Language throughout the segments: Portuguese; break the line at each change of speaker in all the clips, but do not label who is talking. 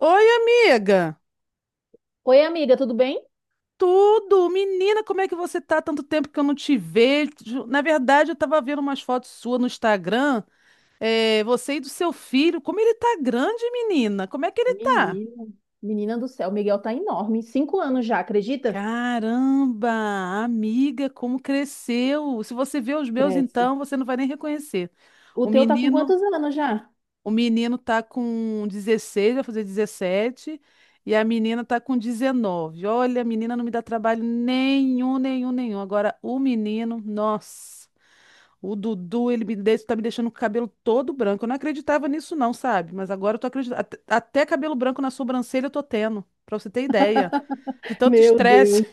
Oi, amiga!
Oi, amiga, tudo bem?
Tudo! Menina, como é que você tá? Tanto tempo que eu não te vejo. Na verdade, eu tava vendo umas fotos suas no Instagram. É, você e do seu filho. Como ele tá grande, menina! Como é que ele tá?
Menina, Menina do céu, o Miguel tá enorme. 5 anos já, acredita?
Caramba! Amiga, como cresceu! Se você vê os meus,
Cresce.
então, você não vai nem reconhecer.
O
O
teu tá com
menino.
quantos anos já?
O menino tá com 16, vai fazer 17, e a menina tá com 19. Olha, a menina não me dá trabalho nenhum, nenhum, nenhum. Agora, o menino, nossa, o Dudu, ele me deixa, tá me deixando com o cabelo todo branco. Eu não acreditava nisso, não, sabe? Mas agora eu tô acreditando. Até cabelo branco na sobrancelha eu tô tendo, pra você ter ideia. De tanto
Meu
estresse.
Deus,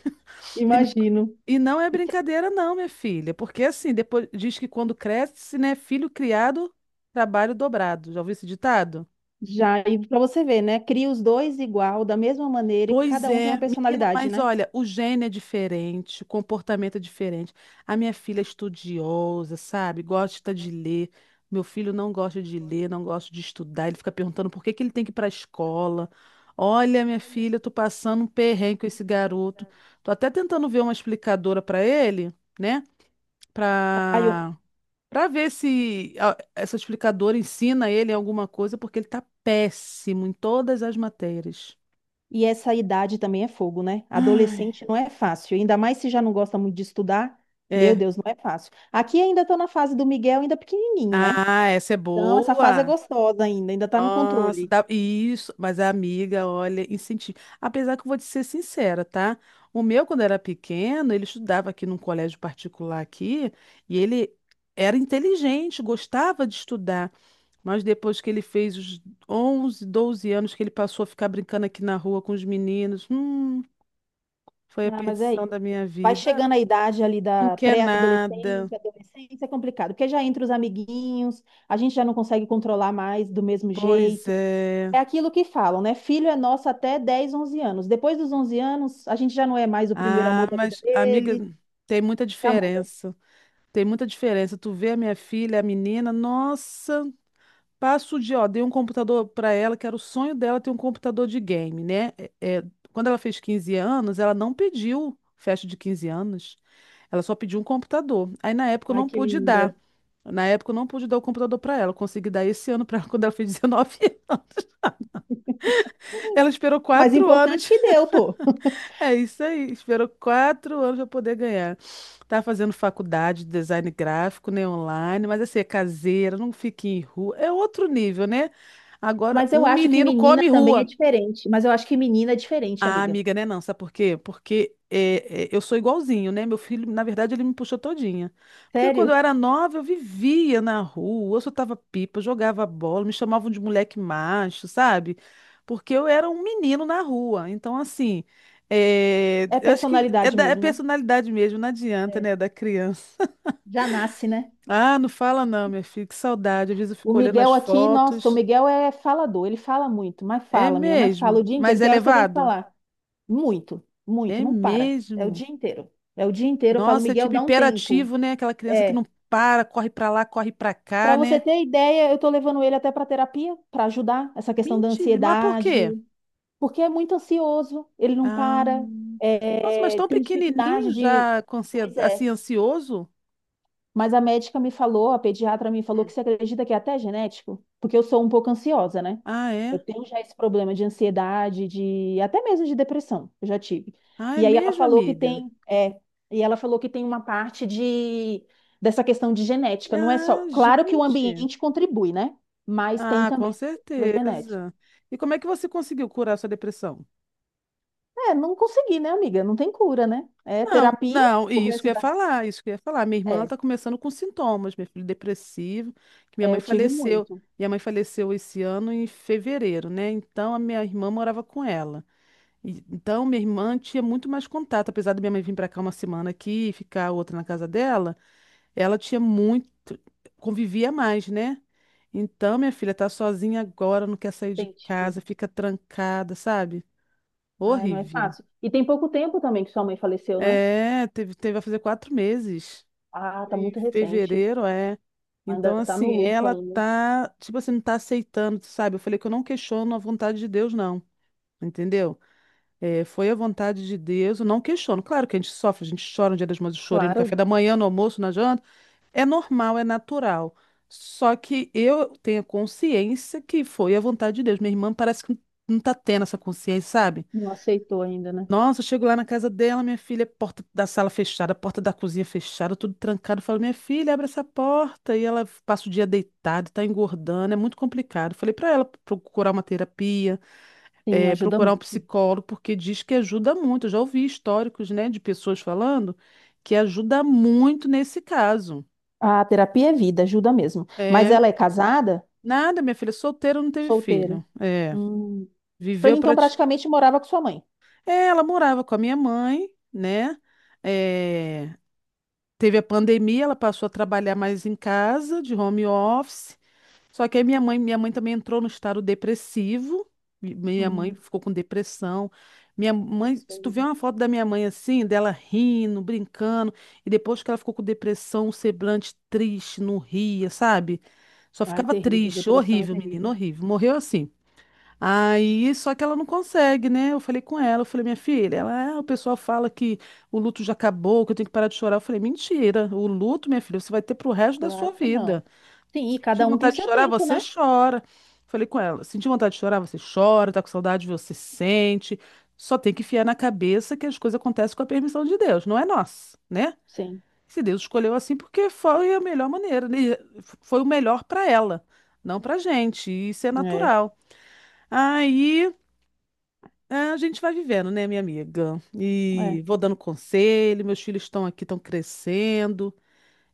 E, n-
imagino.
e não é
E-
brincadeira, não, minha filha. Porque assim, depois diz que quando cresce, né, filho criado, trabalho dobrado. Já ouviu esse ditado?
Já, e pra você ver, né? Cria os dois igual, da mesma maneira, e
Pois
cada um tem uma
é, menina,
personalidade,
mas
né?
olha, o gene é diferente, o comportamento é diferente. A minha filha é estudiosa, sabe? Gosta de ler. Meu filho não gosta de ler, não gosta de estudar. Ele fica perguntando por que que ele tem que ir para a escola. Olha, minha
Olha,
filha, eu tô passando um perrengue com esse garoto. Tô até tentando ver uma explicadora para ele, né?
Ai, eu-
Para para ver se essa explicadora ensina ele alguma coisa, porque ele tá péssimo em todas as matérias.
E essa idade também é fogo, né?
Ai.
Adolescente não é fácil, ainda mais se já não gosta muito de estudar. Meu
É.
Deus, não é fácil. Aqui ainda tô na fase do Miguel, ainda pequenininho, né?
Ah, essa é
Então, essa fase é
boa.
gostosa ainda, ainda está no
Nossa,
controle.
dá isso. Mas a amiga, olha, incentivo. Apesar que eu vou te ser sincera, tá? O meu, quando era pequeno, ele estudava aqui num colégio particular aqui e ele era inteligente, gostava de estudar. Mas depois que ele fez os 11, 12 anos que ele passou a ficar brincando aqui na rua com os meninos, foi a
Ah, mas é
perdição
isso.
da minha
Vai
vida.
chegando a idade ali
Não
da
quer nada.
pré-adolescência, adolescência é complicado, porque já entra os amiguinhos, a gente já não consegue controlar mais do mesmo
Pois
jeito.
é.
É aquilo que falam, né? Filho é nosso até 10, 11 anos. Depois dos 11 anos, a gente já não é mais o primeiro
Ah,
amor da vida
mas amiga,
dele,
tem muita
já muda.
diferença. Tem muita diferença. Tu vê a minha filha, a menina, nossa, passo o dia, ó, dei um computador pra ela, que era o sonho dela ter um computador de game, né? É, quando ela fez 15 anos, ela não pediu festa de 15 anos. Ela só pediu um computador. Aí na época eu
Ai,
não
que
pude
linda.
dar. Na época eu não pude dar o computador pra ela. Eu consegui dar esse ano pra ela quando ela fez 19 anos. Ela esperou
Mas
quatro
importante
anos
que deu, pô.
É isso aí. Esperou quatro anos para poder ganhar. Tá fazendo faculdade de design gráfico, né, online, mas assim, é caseira, não fica em rua. É outro nível, né? Agora,
Mas eu
um
acho que
menino
menina
come
também é
rua.
diferente. Mas eu acho que menina é diferente,
Ah,
amiga.
amiga, né? Não, sabe por quê? Porque eu sou igualzinho, né? Meu filho, na verdade, ele me puxou todinha. Porque quando
Sério?
eu era nova, eu vivia na rua, eu soltava pipa, eu jogava bola, me chamavam de moleque macho, sabe? Porque eu era um menino na rua. Então, assim,
É
eu acho que é
personalidade
da é
mesmo, né?
personalidade mesmo, não adianta,
É.
né? Da criança.
Já nasce, né?
Ah, não fala não, minha filha, que saudade. Às vezes eu
O
fico olhando as
Miguel aqui, nossa, o
fotos.
Miguel é falador, ele fala muito, mas
É
fala, menina, mas fala o
mesmo?
dia inteiro.
Mas é
Tem horas que eu tenho que
levado?
falar. Muito, muito,
É
não para. É o
mesmo?
dia inteiro. É o dia inteiro. Eu falo,
Nossa, é
Miguel,
tipo
dá um tempo.
hiperativo, né? Aquela criança que
É.
não para, corre pra lá, corre pra
Para
cá,
você
né?
ter ideia, eu tô levando ele até para terapia para ajudar essa questão da
Mentira, mas por quê?
ansiedade, porque é muito ansioso, ele não
Ah,
para,
nossa, mas
é,
tão
tem
pequenininho
dificuldade de.
já, com
Pois é.
assim, ansioso?
Mas a médica me falou, a pediatra me falou que
Hum.
você acredita que é até genético? Porque eu sou um pouco ansiosa, né?
Ah, é?
Eu tenho já esse problema de ansiedade, de até mesmo de depressão, eu já tive.
Ah, é
E aí ela
mesmo,
falou que
amiga?
tem, e ela falou que tem uma parte de dessa questão de genética, não é só,
Ah,
claro que o
gente.
ambiente contribui, né? Mas tem
Ah, com
também a questão da genética.
certeza. E como é que você conseguiu curar sua depressão?
É, não consegui, né, amiga? Não tem cura, né? É
Não,
terapia,
não,
o
e isso que
resto
eu ia
da...
falar, isso que eu ia falar. Minha irmã
É,
está começando com sintomas, meu filho depressivo, que minha
é,
mãe
eu tive
faleceu.
muito.
Minha mãe faleceu esse ano em fevereiro, né? Então a minha irmã morava com ela. Então minha irmã tinha muito mais contato, apesar da minha mãe vir para cá uma semana aqui e ficar outra na casa dela, ela tinha muito, convivia mais, né? Então minha filha tá sozinha agora, não quer sair de
Tem
casa, fica trancada, sabe?
Ah, não é
Horrível.
fácil. E tem pouco tempo também que sua mãe faleceu, né?
É, teve a fazer 4 meses.
Ah, tá
Em
muito recente.
fevereiro, é.
Ainda
Então,
tá no
assim,
luto
ela
ainda.
tá, tipo assim, não tá aceitando, sabe? Eu falei que eu não questiono a vontade de Deus, não. Entendeu? É, foi a vontade de Deus, eu não questiono. Claro que a gente sofre, a gente chora no Dia das Mães, eu chorei no café
Claro,
da manhã, no almoço, na janta. É normal, é natural. Só que eu tenho a consciência que foi a vontade de Deus. Minha irmã parece que não tá tendo essa consciência, sabe?
não aceitou ainda, né?
Nossa, eu chego lá na casa dela, minha filha, porta da sala fechada, porta da cozinha fechada, tudo trancado. Eu falo, minha filha, abre essa porta. E ela passa o dia deitada, tá engordando, é muito complicado. Falei pra ela procurar uma terapia,
Sim, ajuda
procurar um
muito.
psicólogo, porque diz que ajuda muito. Eu já ouvi históricos, né, de pessoas falando que ajuda muito nesse caso.
A terapia é vida, ajuda mesmo. Mas
É,
ela é casada?
nada, minha filha, solteira não teve
Solteira.
filho. É,
Hum.
viveu
Então
praticamente.
praticamente morava com sua mãe.
É, ela morava com a minha mãe, né? É, Teve a pandemia, ela passou a trabalhar mais em casa, de home office. Só que aí minha mãe também entrou no estado depressivo. Minha mãe
Hum.
ficou com depressão. Minha mãe, se tu vê
Terrível.
uma foto da minha mãe assim, dela rindo, brincando, e depois que ela ficou com depressão, um semblante triste, não ria, sabe? Só
Ai,
ficava
terrível.
triste,
Depressão é
horrível, menino,
terrível.
horrível. Morreu assim. Aí, só que ela não consegue, né? Eu falei com ela, eu falei, minha filha, ela, ah, o pessoal fala que o luto já acabou, que eu tenho que parar de chorar. Eu falei, mentira, o luto, minha filha, você vai ter pro resto da sua
Claro que
vida.
não. Sim, e
Se
cada um tem
vontade de
seu
chorar,
tempo,
você
né?
chora. Falei com ela, senti vontade de chorar, você chora, tá com saudade, você sente. Só tem que enfiar na cabeça que as coisas acontecem com a permissão de Deus, não é nossa, né?
Sim.
Se Deus escolheu assim, porque foi a melhor maneira, né? Foi o melhor para ela, não pra gente. Isso é
É,
natural. Aí. É, a gente vai vivendo, né, minha amiga?
é.
E vou dando conselho, meus filhos estão aqui, estão crescendo,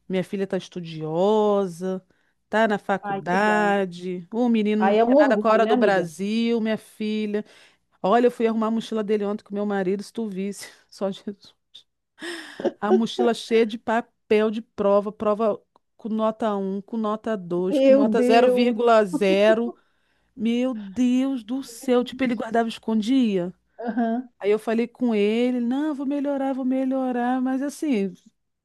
minha filha está estudiosa, tá na
Ai, que bom, né?
faculdade, o menino não
Aí é um
quer nada com a
orgulho,
hora
né,
do
amiga?
Brasil, minha filha. Olha, eu fui arrumar a mochila dele ontem com meu marido, se tu visse, só Jesus. A mochila cheia de papel de prova com nota 1, com nota 2, com
Meu
nota zero
Deus!
vírgula zero. Meu Deus do céu, tipo, ele guardava e escondia.
Aham.
Aí eu falei com ele, não, vou melhorar, mas assim,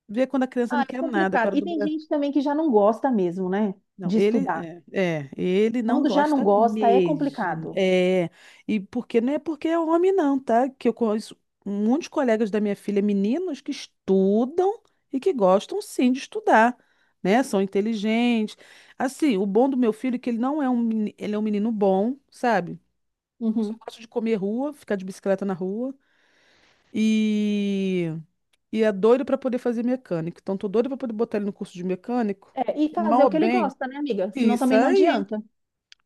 vê quando a criança
Ah,
não
é
quer nada,
complicado.
agora
E
do
tem
Brasil.
gente também que já não gosta mesmo, né?
Não,
De
ele
estudar.
é, é, ele não
Quando já
gosta
não gosta, é
mesmo.
complicado.
E porque não é porque é homem, não, tá? Que eu conheço muitos colegas da minha filha, meninos que estudam e que gostam sim de estudar, né? São inteligentes. Assim, o bom do meu filho é que ele não é um, meni- ele é um menino bom, sabe? Só
Uhum.
gosta de comer rua, ficar de bicicleta na rua. E E é doido para poder fazer mecânico. Então, tô doido para poder botar ele no curso de mecânico.
É, e
E
fazer
mal
o
ou
que ele
bem,
gosta, né, amiga? Senão
isso
também não
aí,
adianta.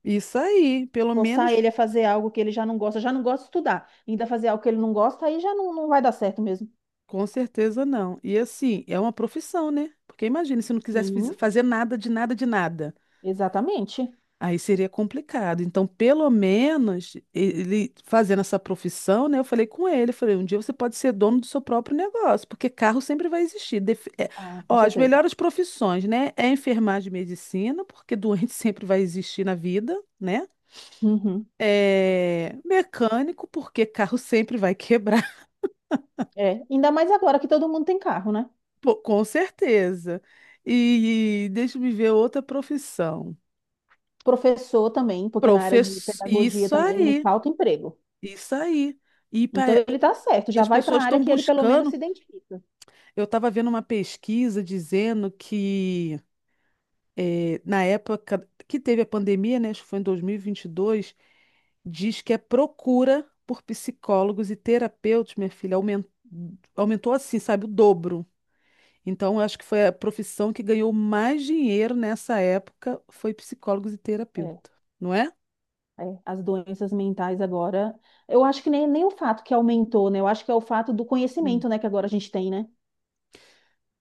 isso aí. Pelo
Forçar
menos,
ele a fazer algo que ele já não gosta de estudar. Ainda fazer algo que ele não gosta, aí já não, não vai dar certo mesmo.
com certeza não. E assim, é uma profissão, né? Porque imagina se não quisesse
Sim,
fazer nada de nada de nada.
exatamente.
Aí seria complicado. Então, pelo menos, ele fazendo essa profissão, né? Eu falei com ele, eu falei, um dia você pode ser dono do seu próprio negócio, porque carro sempre vai existir. Def- é,
Ah, com
ó, as
certeza.
melhores profissões, né? É enfermagem e medicina, porque doente sempre vai existir na vida, né?
Uhum.
É mecânico, porque carro sempre vai quebrar,
É, ainda mais agora que todo mundo tem carro, né?
pô, com certeza. E deixa eu me ver outra profissão.
Professor também, porque na área de
Professor,
pedagogia
isso
também não
aí,
falta emprego.
isso aí. E
Então
pa-
ele tá certo,
E
já
as
vai para
pessoas
a área
estão
que ele pelo menos se
buscando.
identifica.
Eu estava vendo uma pesquisa dizendo que na época que teve a pandemia, né, acho que foi em dois mil e vinte e dois diz que a procura por psicólogos e terapeutas, minha filha, aumentou assim, sabe, o dobro. Então, eu acho que foi a profissão que ganhou mais dinheiro nessa época, foi psicólogos e
É.
terapeuta, não é?
É, as doenças mentais agora, eu acho que nem o fato que aumentou, né? Eu acho que é o fato do
Hum.
conhecimento, né, que agora a gente tem, né?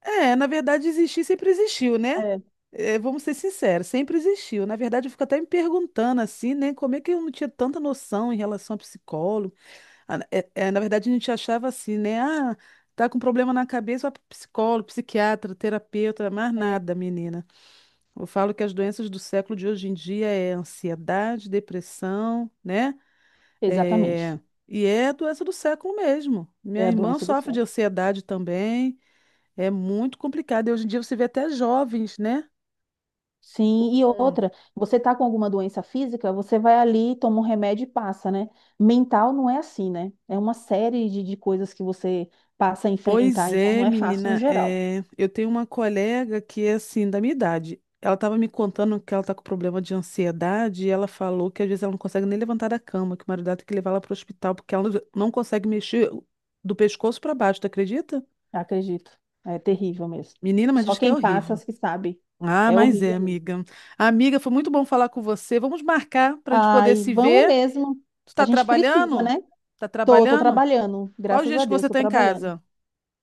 É, na verdade, existir sempre existiu, né?
É,
É, vamos ser sinceros, sempre existiu. Na verdade, eu fico até me perguntando assim, né? Como é que eu não tinha tanta noção em relação a psicólogo? Na verdade, a gente achava assim, né? Ah, tá com problema na cabeça, vai pro psicólogo, psiquiatra, terapeuta, mais
é.
nada, menina. Eu falo que as doenças do século de hoje em dia é ansiedade, depressão, né?
Exatamente.
É, e é doença do século mesmo.
É
Minha
a
irmã
doença do
sofre de
século.
ansiedade também. É muito complicado. E hoje em dia você vê até jovens, né? Com-
Sim, e outra, você tá com alguma doença física, você vai ali, toma um remédio e passa, né? Mental não é assim, né? É uma série de coisas que você passa a enfrentar,
Pois
então não
é,
é fácil no
menina.
geral,
Eu tenho uma colega que é assim, da minha idade. Ela estava me contando que ela está com problema de ansiedade e ela falou que às vezes ela não consegue nem levantar da cama, que o marido dela tem que levar ela para o hospital porque ela não consegue mexer do pescoço para baixo, tu acredita?
acredito. É terrível mesmo.
Menina, mas
Só
diz que é
quem passa
horrível.
as que sabe.
Ah,
É
mas é,
horrível mesmo.
amiga. Amiga, foi muito bom falar com você. Vamos marcar para a gente poder
Ai,
se
vamos
ver.
mesmo.
Tu
A
tá
gente precisa,
trabalhando?
né?
Tá
Tô
trabalhando?
trabalhando,
Qual os
graças
dias
a
que você
Deus, tô
está em
trabalhando.
casa?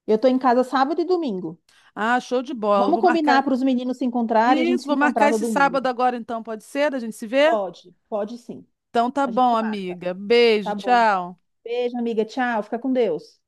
Eu tô em casa sábado e domingo.
Ah, show de bola.
Vamos
Vou
combinar
marcar.
para os meninos se encontrarem e a
Isso,
gente se
vou marcar
encontrar
esse
todo mundo.
sábado agora então, pode ser? A gente se vê?
Pode, pode sim.
Então tá
A
bom,
gente marca.
amiga. Beijo,
Tá bom, então.
tchau.
Beijo, amiga. Tchau. Fica com Deus.